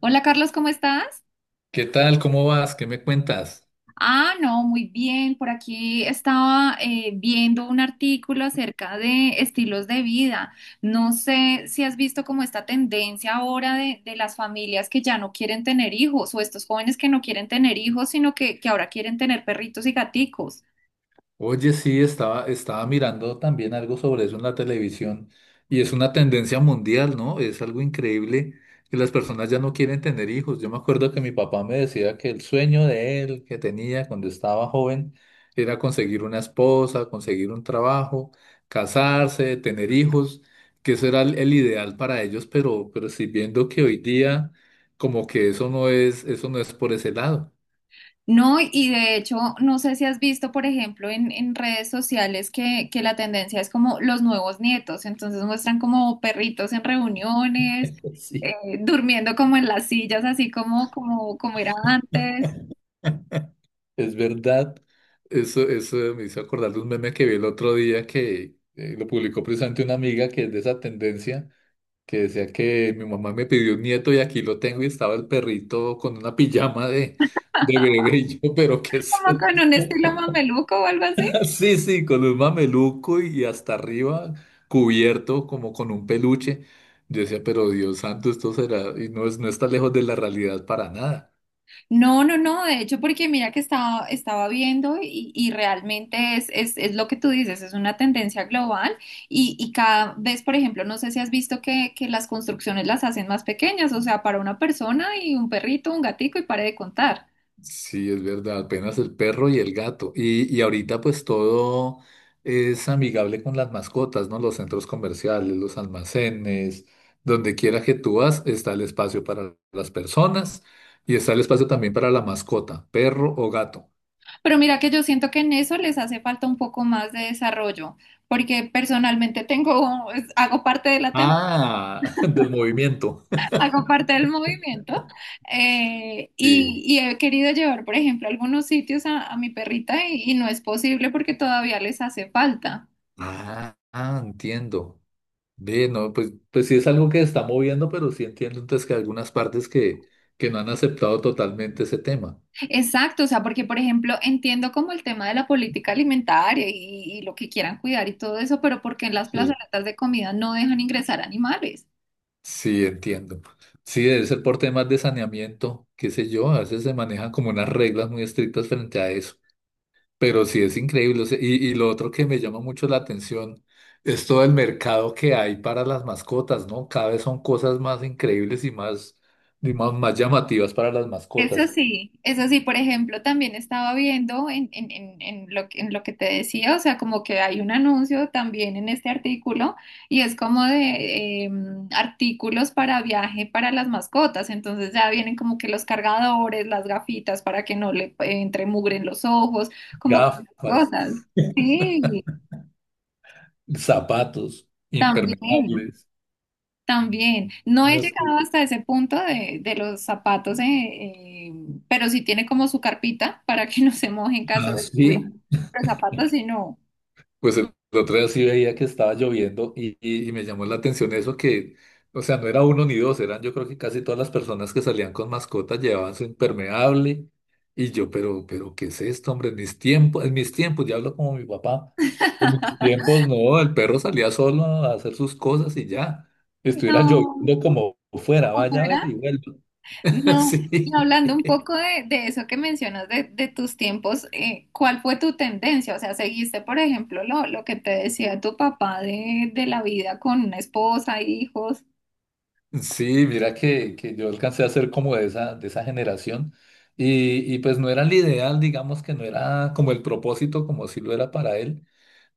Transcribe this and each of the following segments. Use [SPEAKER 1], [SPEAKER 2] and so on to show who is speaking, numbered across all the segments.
[SPEAKER 1] Hola Carlos, ¿cómo estás?
[SPEAKER 2] ¿Qué tal? ¿Cómo vas? ¿Qué me cuentas?
[SPEAKER 1] Ah, no, muy bien. Por aquí estaba viendo un artículo acerca de estilos de vida. No sé si has visto como esta tendencia ahora de las familias que ya no quieren tener hijos o estos jóvenes que no quieren tener hijos, sino que ahora quieren tener perritos y gaticos.
[SPEAKER 2] Oye, sí, estaba mirando también algo sobre eso en la televisión y es una tendencia mundial, ¿no? Es algo increíble que las personas ya no quieren tener hijos. Yo me acuerdo que mi papá me decía que el sueño de él que tenía cuando estaba joven era conseguir una esposa, conseguir un trabajo, casarse, tener hijos, que eso era el ideal para ellos, pero sí viendo que hoy día como que eso no es por ese lado.
[SPEAKER 1] No, y de hecho, no sé si has visto, por ejemplo, en redes sociales que la tendencia es como los nuevos nietos, entonces muestran como perritos en reuniones, eh,
[SPEAKER 2] Sí.
[SPEAKER 1] durmiendo como en las sillas, así como, como era antes,
[SPEAKER 2] Es verdad, eso me hizo acordar de un meme que vi el otro día que lo publicó precisamente una amiga que es de esa tendencia, que decía que mi mamá me pidió un nieto y aquí lo tengo y estaba el perrito con una pijama de bebé y yo, pero qué
[SPEAKER 1] como
[SPEAKER 2] sé.
[SPEAKER 1] con un estilo mameluco o algo así.
[SPEAKER 2] Sí, sí, con un mameluco y hasta arriba cubierto como con un peluche. Yo decía, pero Dios santo, esto será, y no es, no está lejos de la realidad para nada.
[SPEAKER 1] No, no, no, de hecho, porque mira que estaba viendo y realmente es lo que tú dices, es una tendencia global y cada vez, por ejemplo, no sé si has visto que las construcciones las hacen más pequeñas, o sea, para una persona y un perrito, un gatico y pare de contar.
[SPEAKER 2] Sí, es verdad, apenas el perro y el gato. Y ahorita pues todo es amigable con las mascotas, ¿no? Los centros comerciales, los almacenes, donde quiera que tú vas, está el espacio para las personas y está el espacio también para la mascota, perro o gato.
[SPEAKER 1] Pero mira que yo siento que en eso les hace falta un poco más de desarrollo, porque personalmente tengo, hago parte de la tendencia.
[SPEAKER 2] Ah, del movimiento.
[SPEAKER 1] Hago parte del movimiento,
[SPEAKER 2] Sí.
[SPEAKER 1] y he querido llevar, por ejemplo, a algunos sitios a mi perrita y no es posible porque todavía les hace falta.
[SPEAKER 2] Ah, ah, entiendo. Ve, no, pues, pues sí es algo que está moviendo, pero sí entiendo entonces que hay algunas partes que no han aceptado totalmente ese tema.
[SPEAKER 1] Exacto, o sea, porque, por ejemplo, entiendo como el tema de la política alimentaria y lo que quieran cuidar y todo eso, pero porque en las
[SPEAKER 2] Sí.
[SPEAKER 1] plazoletas de comida no dejan ingresar animales.
[SPEAKER 2] Sí, entiendo. Sí, debe ser por temas de saneamiento, qué sé yo, a veces se manejan como unas reglas muy estrictas frente a eso, pero sí es increíble. O sea, y lo otro que me llama mucho la atención es todo el mercado que hay para las mascotas, ¿no? Cada vez son cosas más increíbles y más, más llamativas para las mascotas.
[SPEAKER 1] Eso sí, por ejemplo, también estaba viendo en lo que te decía, o sea, como que hay un anuncio también en este artículo y es como de artículos para viaje para las mascotas, entonces ya vienen como que los cargadores, las gafitas para que no le entre mugre en los ojos, como
[SPEAKER 2] Gafas,
[SPEAKER 1] cosas. Sí,
[SPEAKER 2] zapatos,
[SPEAKER 1] también.
[SPEAKER 2] impermeables.
[SPEAKER 1] También, no
[SPEAKER 2] ¿No?
[SPEAKER 1] he
[SPEAKER 2] Es que...
[SPEAKER 1] llegado hasta ese punto de los zapatos, pero sí tiene como su carpita para que no se moje en caso
[SPEAKER 2] Ah,
[SPEAKER 1] de lluvia.
[SPEAKER 2] sí.
[SPEAKER 1] Los zapatos sí no.
[SPEAKER 2] Pues el otro día sí veía que estaba lloviendo y... y me llamó la atención eso que, o sea, no era uno ni dos, eran yo creo que casi todas las personas que salían con mascotas llevaban su impermeable y yo, pero, ¿qué es esto, hombre? En mis tiempos, ya hablo como mi papá, en mis tiempos no, el perro salía solo a hacer sus cosas y ya, estuviera
[SPEAKER 1] No,
[SPEAKER 2] lloviendo como fuera,
[SPEAKER 1] como
[SPEAKER 2] vaya a ver y
[SPEAKER 1] fuera.
[SPEAKER 2] vuelva.
[SPEAKER 1] No. Y
[SPEAKER 2] Sí.
[SPEAKER 1] hablando un poco de eso que mencionas de tus tiempos. Eh, ¿cuál fue tu tendencia? O sea, ¿seguiste, por ejemplo, lo que te decía tu papá de la vida con una esposa, hijos?
[SPEAKER 2] Sí, mira que yo alcancé a ser como de esa generación y pues no era el ideal, digamos que no era como el propósito, como si lo era para él,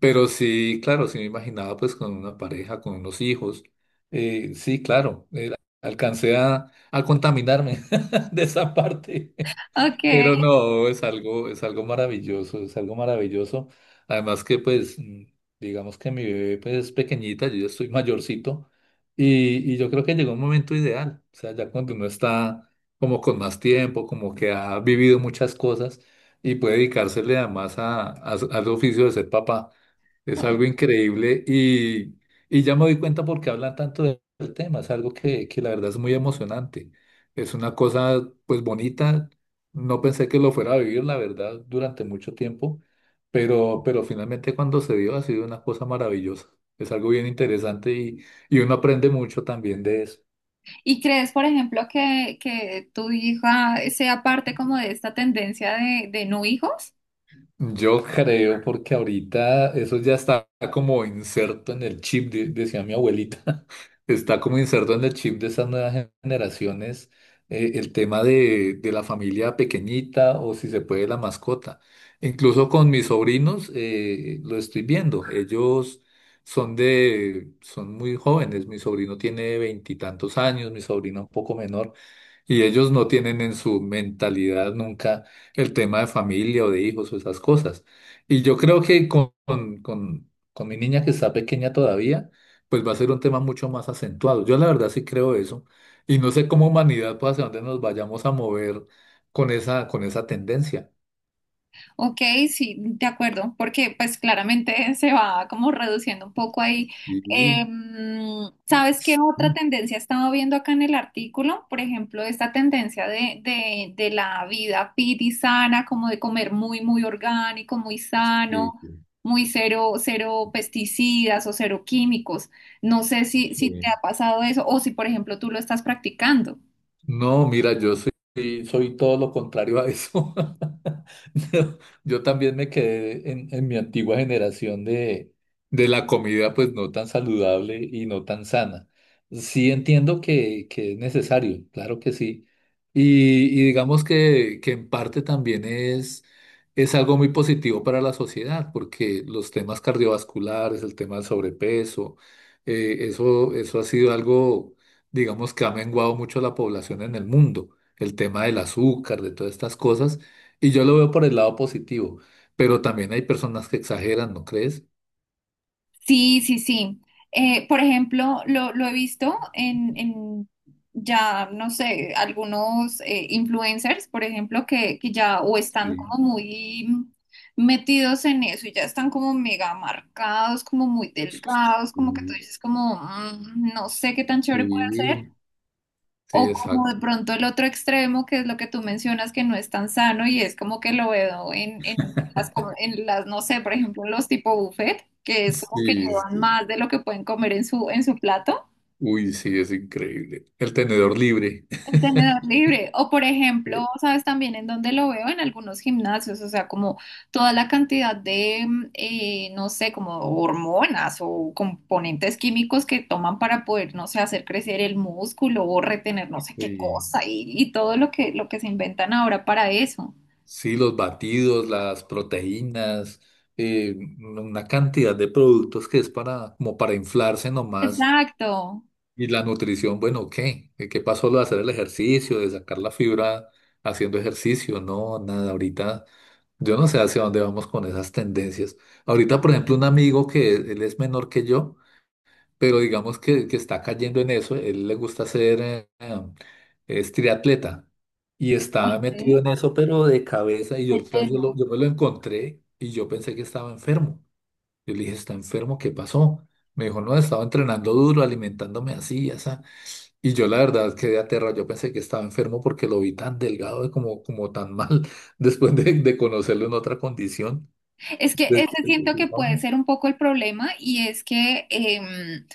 [SPEAKER 2] pero sí, claro, sí me imaginaba pues con una pareja, con unos hijos, sí, claro, era... alcancé a contaminarme de esa parte.
[SPEAKER 1] Ok,
[SPEAKER 2] Pero no, es algo maravilloso, es algo maravilloso. Además que pues, mm, digamos que mi bebé pues es pequeñita, yo ya estoy mayorcito y yo creo que llegó un momento ideal. O sea, ya cuando uno está como con más tiempo, como que ha vivido muchas cosas y puede dedicársele además a... al oficio de ser papá. Es algo
[SPEAKER 1] ok.
[SPEAKER 2] increíble y ya me doy cuenta por qué hablan tanto de... del tema. Es algo que la verdad es muy emocionante. Es una cosa pues bonita, no pensé que lo fuera a vivir, la verdad, durante mucho tiempo, pero finalmente cuando se dio ha sido una cosa maravillosa. Es algo bien interesante y uno aprende mucho también de eso.
[SPEAKER 1] ¿Y crees, por ejemplo, que tu hija sea parte como de esta tendencia de no hijos?
[SPEAKER 2] Yo creo porque ahorita eso ya está como inserto en el chip, de... decía mi abuelita, está como inserto en el chip de esas nuevas generaciones, el tema de la familia pequeñita o si se puede la mascota. Incluso con mis sobrinos lo estoy viendo. Ellos son de, son muy jóvenes. Mi sobrino tiene veintitantos años, mi sobrino un poco menor. Y ellos no tienen en su mentalidad nunca el tema de familia o de hijos o esas cosas. Y yo creo que con mi niña que está pequeña todavía, pues va a ser un tema mucho más acentuado. Yo la verdad sí creo eso. Y no sé cómo humanidad, pues hacia dónde nos vayamos a mover con esa tendencia.
[SPEAKER 1] Ok, sí, de acuerdo, porque pues claramente se va como reduciendo un poco ahí.
[SPEAKER 2] Sí,
[SPEAKER 1] Em, ¿sabes qué otra
[SPEAKER 2] sí,
[SPEAKER 1] tendencia estaba viendo acá en el artículo? Por ejemplo, esta tendencia de la vida fit y sana, como de comer muy, muy orgánico, muy sano,
[SPEAKER 2] sí,
[SPEAKER 1] muy cero, cero pesticidas o cero químicos. No sé si
[SPEAKER 2] sí.
[SPEAKER 1] te ha pasado eso o si, por ejemplo, tú lo estás practicando.
[SPEAKER 2] No, mira, yo soy, soy todo lo contrario a eso. No, yo también me quedé en mi antigua generación de la comida, pues no tan saludable y no tan sana. Sí entiendo que es necesario, claro que sí. Y digamos que en parte también es algo muy positivo para la sociedad, porque los temas cardiovasculares, el tema del sobrepeso, eso, eso ha sido algo, digamos que ha menguado mucho la población en el mundo, el tema del azúcar, de todas estas cosas, y yo lo veo por el lado positivo, pero también hay personas que exageran, ¿no crees?
[SPEAKER 1] Sí, sí, sí. Por ejemplo, lo he visto en ya, no sé, algunos, influencers, por ejemplo, que ya o están como
[SPEAKER 2] Sí,
[SPEAKER 1] muy metidos en eso y ya están como mega marcados, como muy delgados, como que tú
[SPEAKER 2] sí.
[SPEAKER 1] dices como, "Mm, no sé qué tan chévere puede ser".
[SPEAKER 2] Sí, sí,
[SPEAKER 1] O como
[SPEAKER 2] exacto.
[SPEAKER 1] de pronto el otro extremo, que es lo que tú mencionas, que no es tan sano y es como que lo veo en las, no sé, por ejemplo, los tipo buffet, que es como que
[SPEAKER 2] Sí,
[SPEAKER 1] llevan
[SPEAKER 2] sí.
[SPEAKER 1] más de lo que pueden comer en su plato.
[SPEAKER 2] Uy, sí, es increíble. El tenedor libre.
[SPEAKER 1] El tenedor libre. O por ejemplo,
[SPEAKER 2] Eh,
[SPEAKER 1] ¿sabes también en dónde lo veo? En algunos gimnasios, o sea, como toda la cantidad de, no sé, como hormonas o componentes químicos que toman para poder, no sé, hacer crecer el músculo o retener no sé qué
[SPEAKER 2] sí,
[SPEAKER 1] cosa y todo lo que se inventan ahora para eso.
[SPEAKER 2] sí, los batidos, las proteínas, una cantidad de productos que es para, como para inflarse nomás.
[SPEAKER 1] Exacto.
[SPEAKER 2] Y la nutrición, bueno, ¿qué? ¿Qué qué pasó lo de hacer el ejercicio, de sacar la fibra haciendo ejercicio? No, nada, ahorita yo no sé hacia dónde vamos con esas tendencias. Ahorita, por ejemplo, un amigo que él es menor que yo, pero digamos que está cayendo en eso, él le gusta hacer, es triatleta y está
[SPEAKER 1] Ok,
[SPEAKER 2] metido en eso, pero de cabeza, y yo,
[SPEAKER 1] de.
[SPEAKER 2] otra vez yo, lo... yo me lo encontré y yo pensé que estaba enfermo. Yo le dije, ¿está enfermo? ¿Qué pasó? Me dijo, no, estaba entrenando duro, alimentándome así, así. Y yo la verdad quedé aterrado, yo pensé que estaba enfermo porque lo vi tan delgado y como, como tan mal después de conocerlo en otra condición.
[SPEAKER 1] Es que
[SPEAKER 2] Pues,
[SPEAKER 1] ese siento que
[SPEAKER 2] no.
[SPEAKER 1] puede ser un poco el problema y es que em,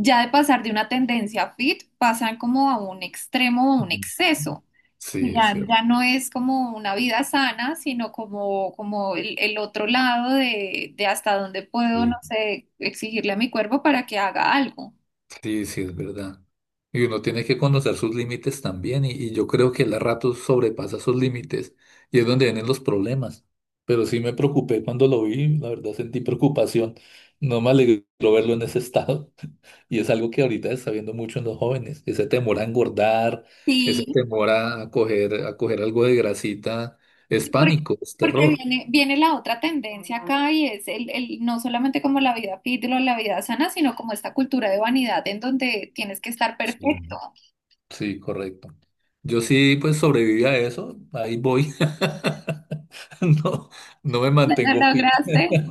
[SPEAKER 1] ya de pasar de una tendencia fit, pasan como a un extremo o un exceso.
[SPEAKER 2] Sí, es
[SPEAKER 1] Ya,
[SPEAKER 2] cierto.
[SPEAKER 1] ya no es como una vida sana, sino como, como el otro lado de hasta dónde puedo, no sé, exigirle a mi cuerpo para que haga algo.
[SPEAKER 2] Sí, sí, es verdad. Y uno tiene que conocer sus límites también, y yo creo que el rato sobrepasa sus límites, y es donde vienen los problemas. Pero sí me preocupé cuando lo vi, la verdad sentí preocupación. No me alegró verlo en ese estado, y es algo que ahorita se está viendo mucho en los jóvenes, ese temor a engordar, ese
[SPEAKER 1] Sí,
[SPEAKER 2] temor a coger algo de grasita, es
[SPEAKER 1] sí, porque,
[SPEAKER 2] pánico, es
[SPEAKER 1] porque
[SPEAKER 2] terror.
[SPEAKER 1] viene, viene la otra tendencia acá y es el, no solamente como la vida fit o la vida sana, sino como esta cultura de vanidad en donde tienes que estar perfecto.
[SPEAKER 2] Sí. Sí, correcto. Yo sí, pues sobreviví a eso, ahí voy. No, no me mantengo
[SPEAKER 1] ¿Lo
[SPEAKER 2] fit.
[SPEAKER 1] lograste?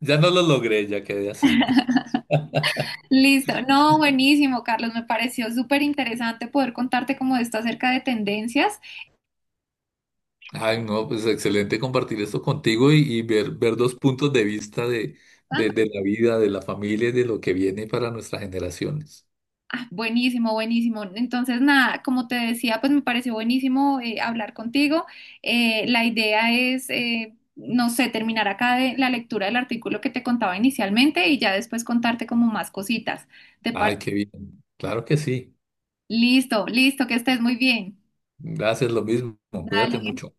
[SPEAKER 2] Ya no lo logré, ya quedé así.
[SPEAKER 1] Listo. No, buenísimo, Carlos. Me pareció súper interesante poder contarte como esto acerca de tendencias.
[SPEAKER 2] Ay, no, pues excelente compartir esto contigo y ver, ver dos puntos de vista
[SPEAKER 1] Ando.
[SPEAKER 2] de la vida, de la familia y de lo que viene para nuestras generaciones.
[SPEAKER 1] Ah, buenísimo, buenísimo. Entonces, nada, como te decía, pues me pareció buenísimo, hablar contigo. La idea es, no sé, terminar acá de la lectura del artículo que te contaba inicialmente y ya después contarte como más cositas. ¿Te
[SPEAKER 2] Ay,
[SPEAKER 1] pare-?
[SPEAKER 2] qué bien. Claro que sí.
[SPEAKER 1] Listo, listo, que estés muy bien.
[SPEAKER 2] Gracias, lo mismo. Cuídate
[SPEAKER 1] Dale.
[SPEAKER 2] mucho.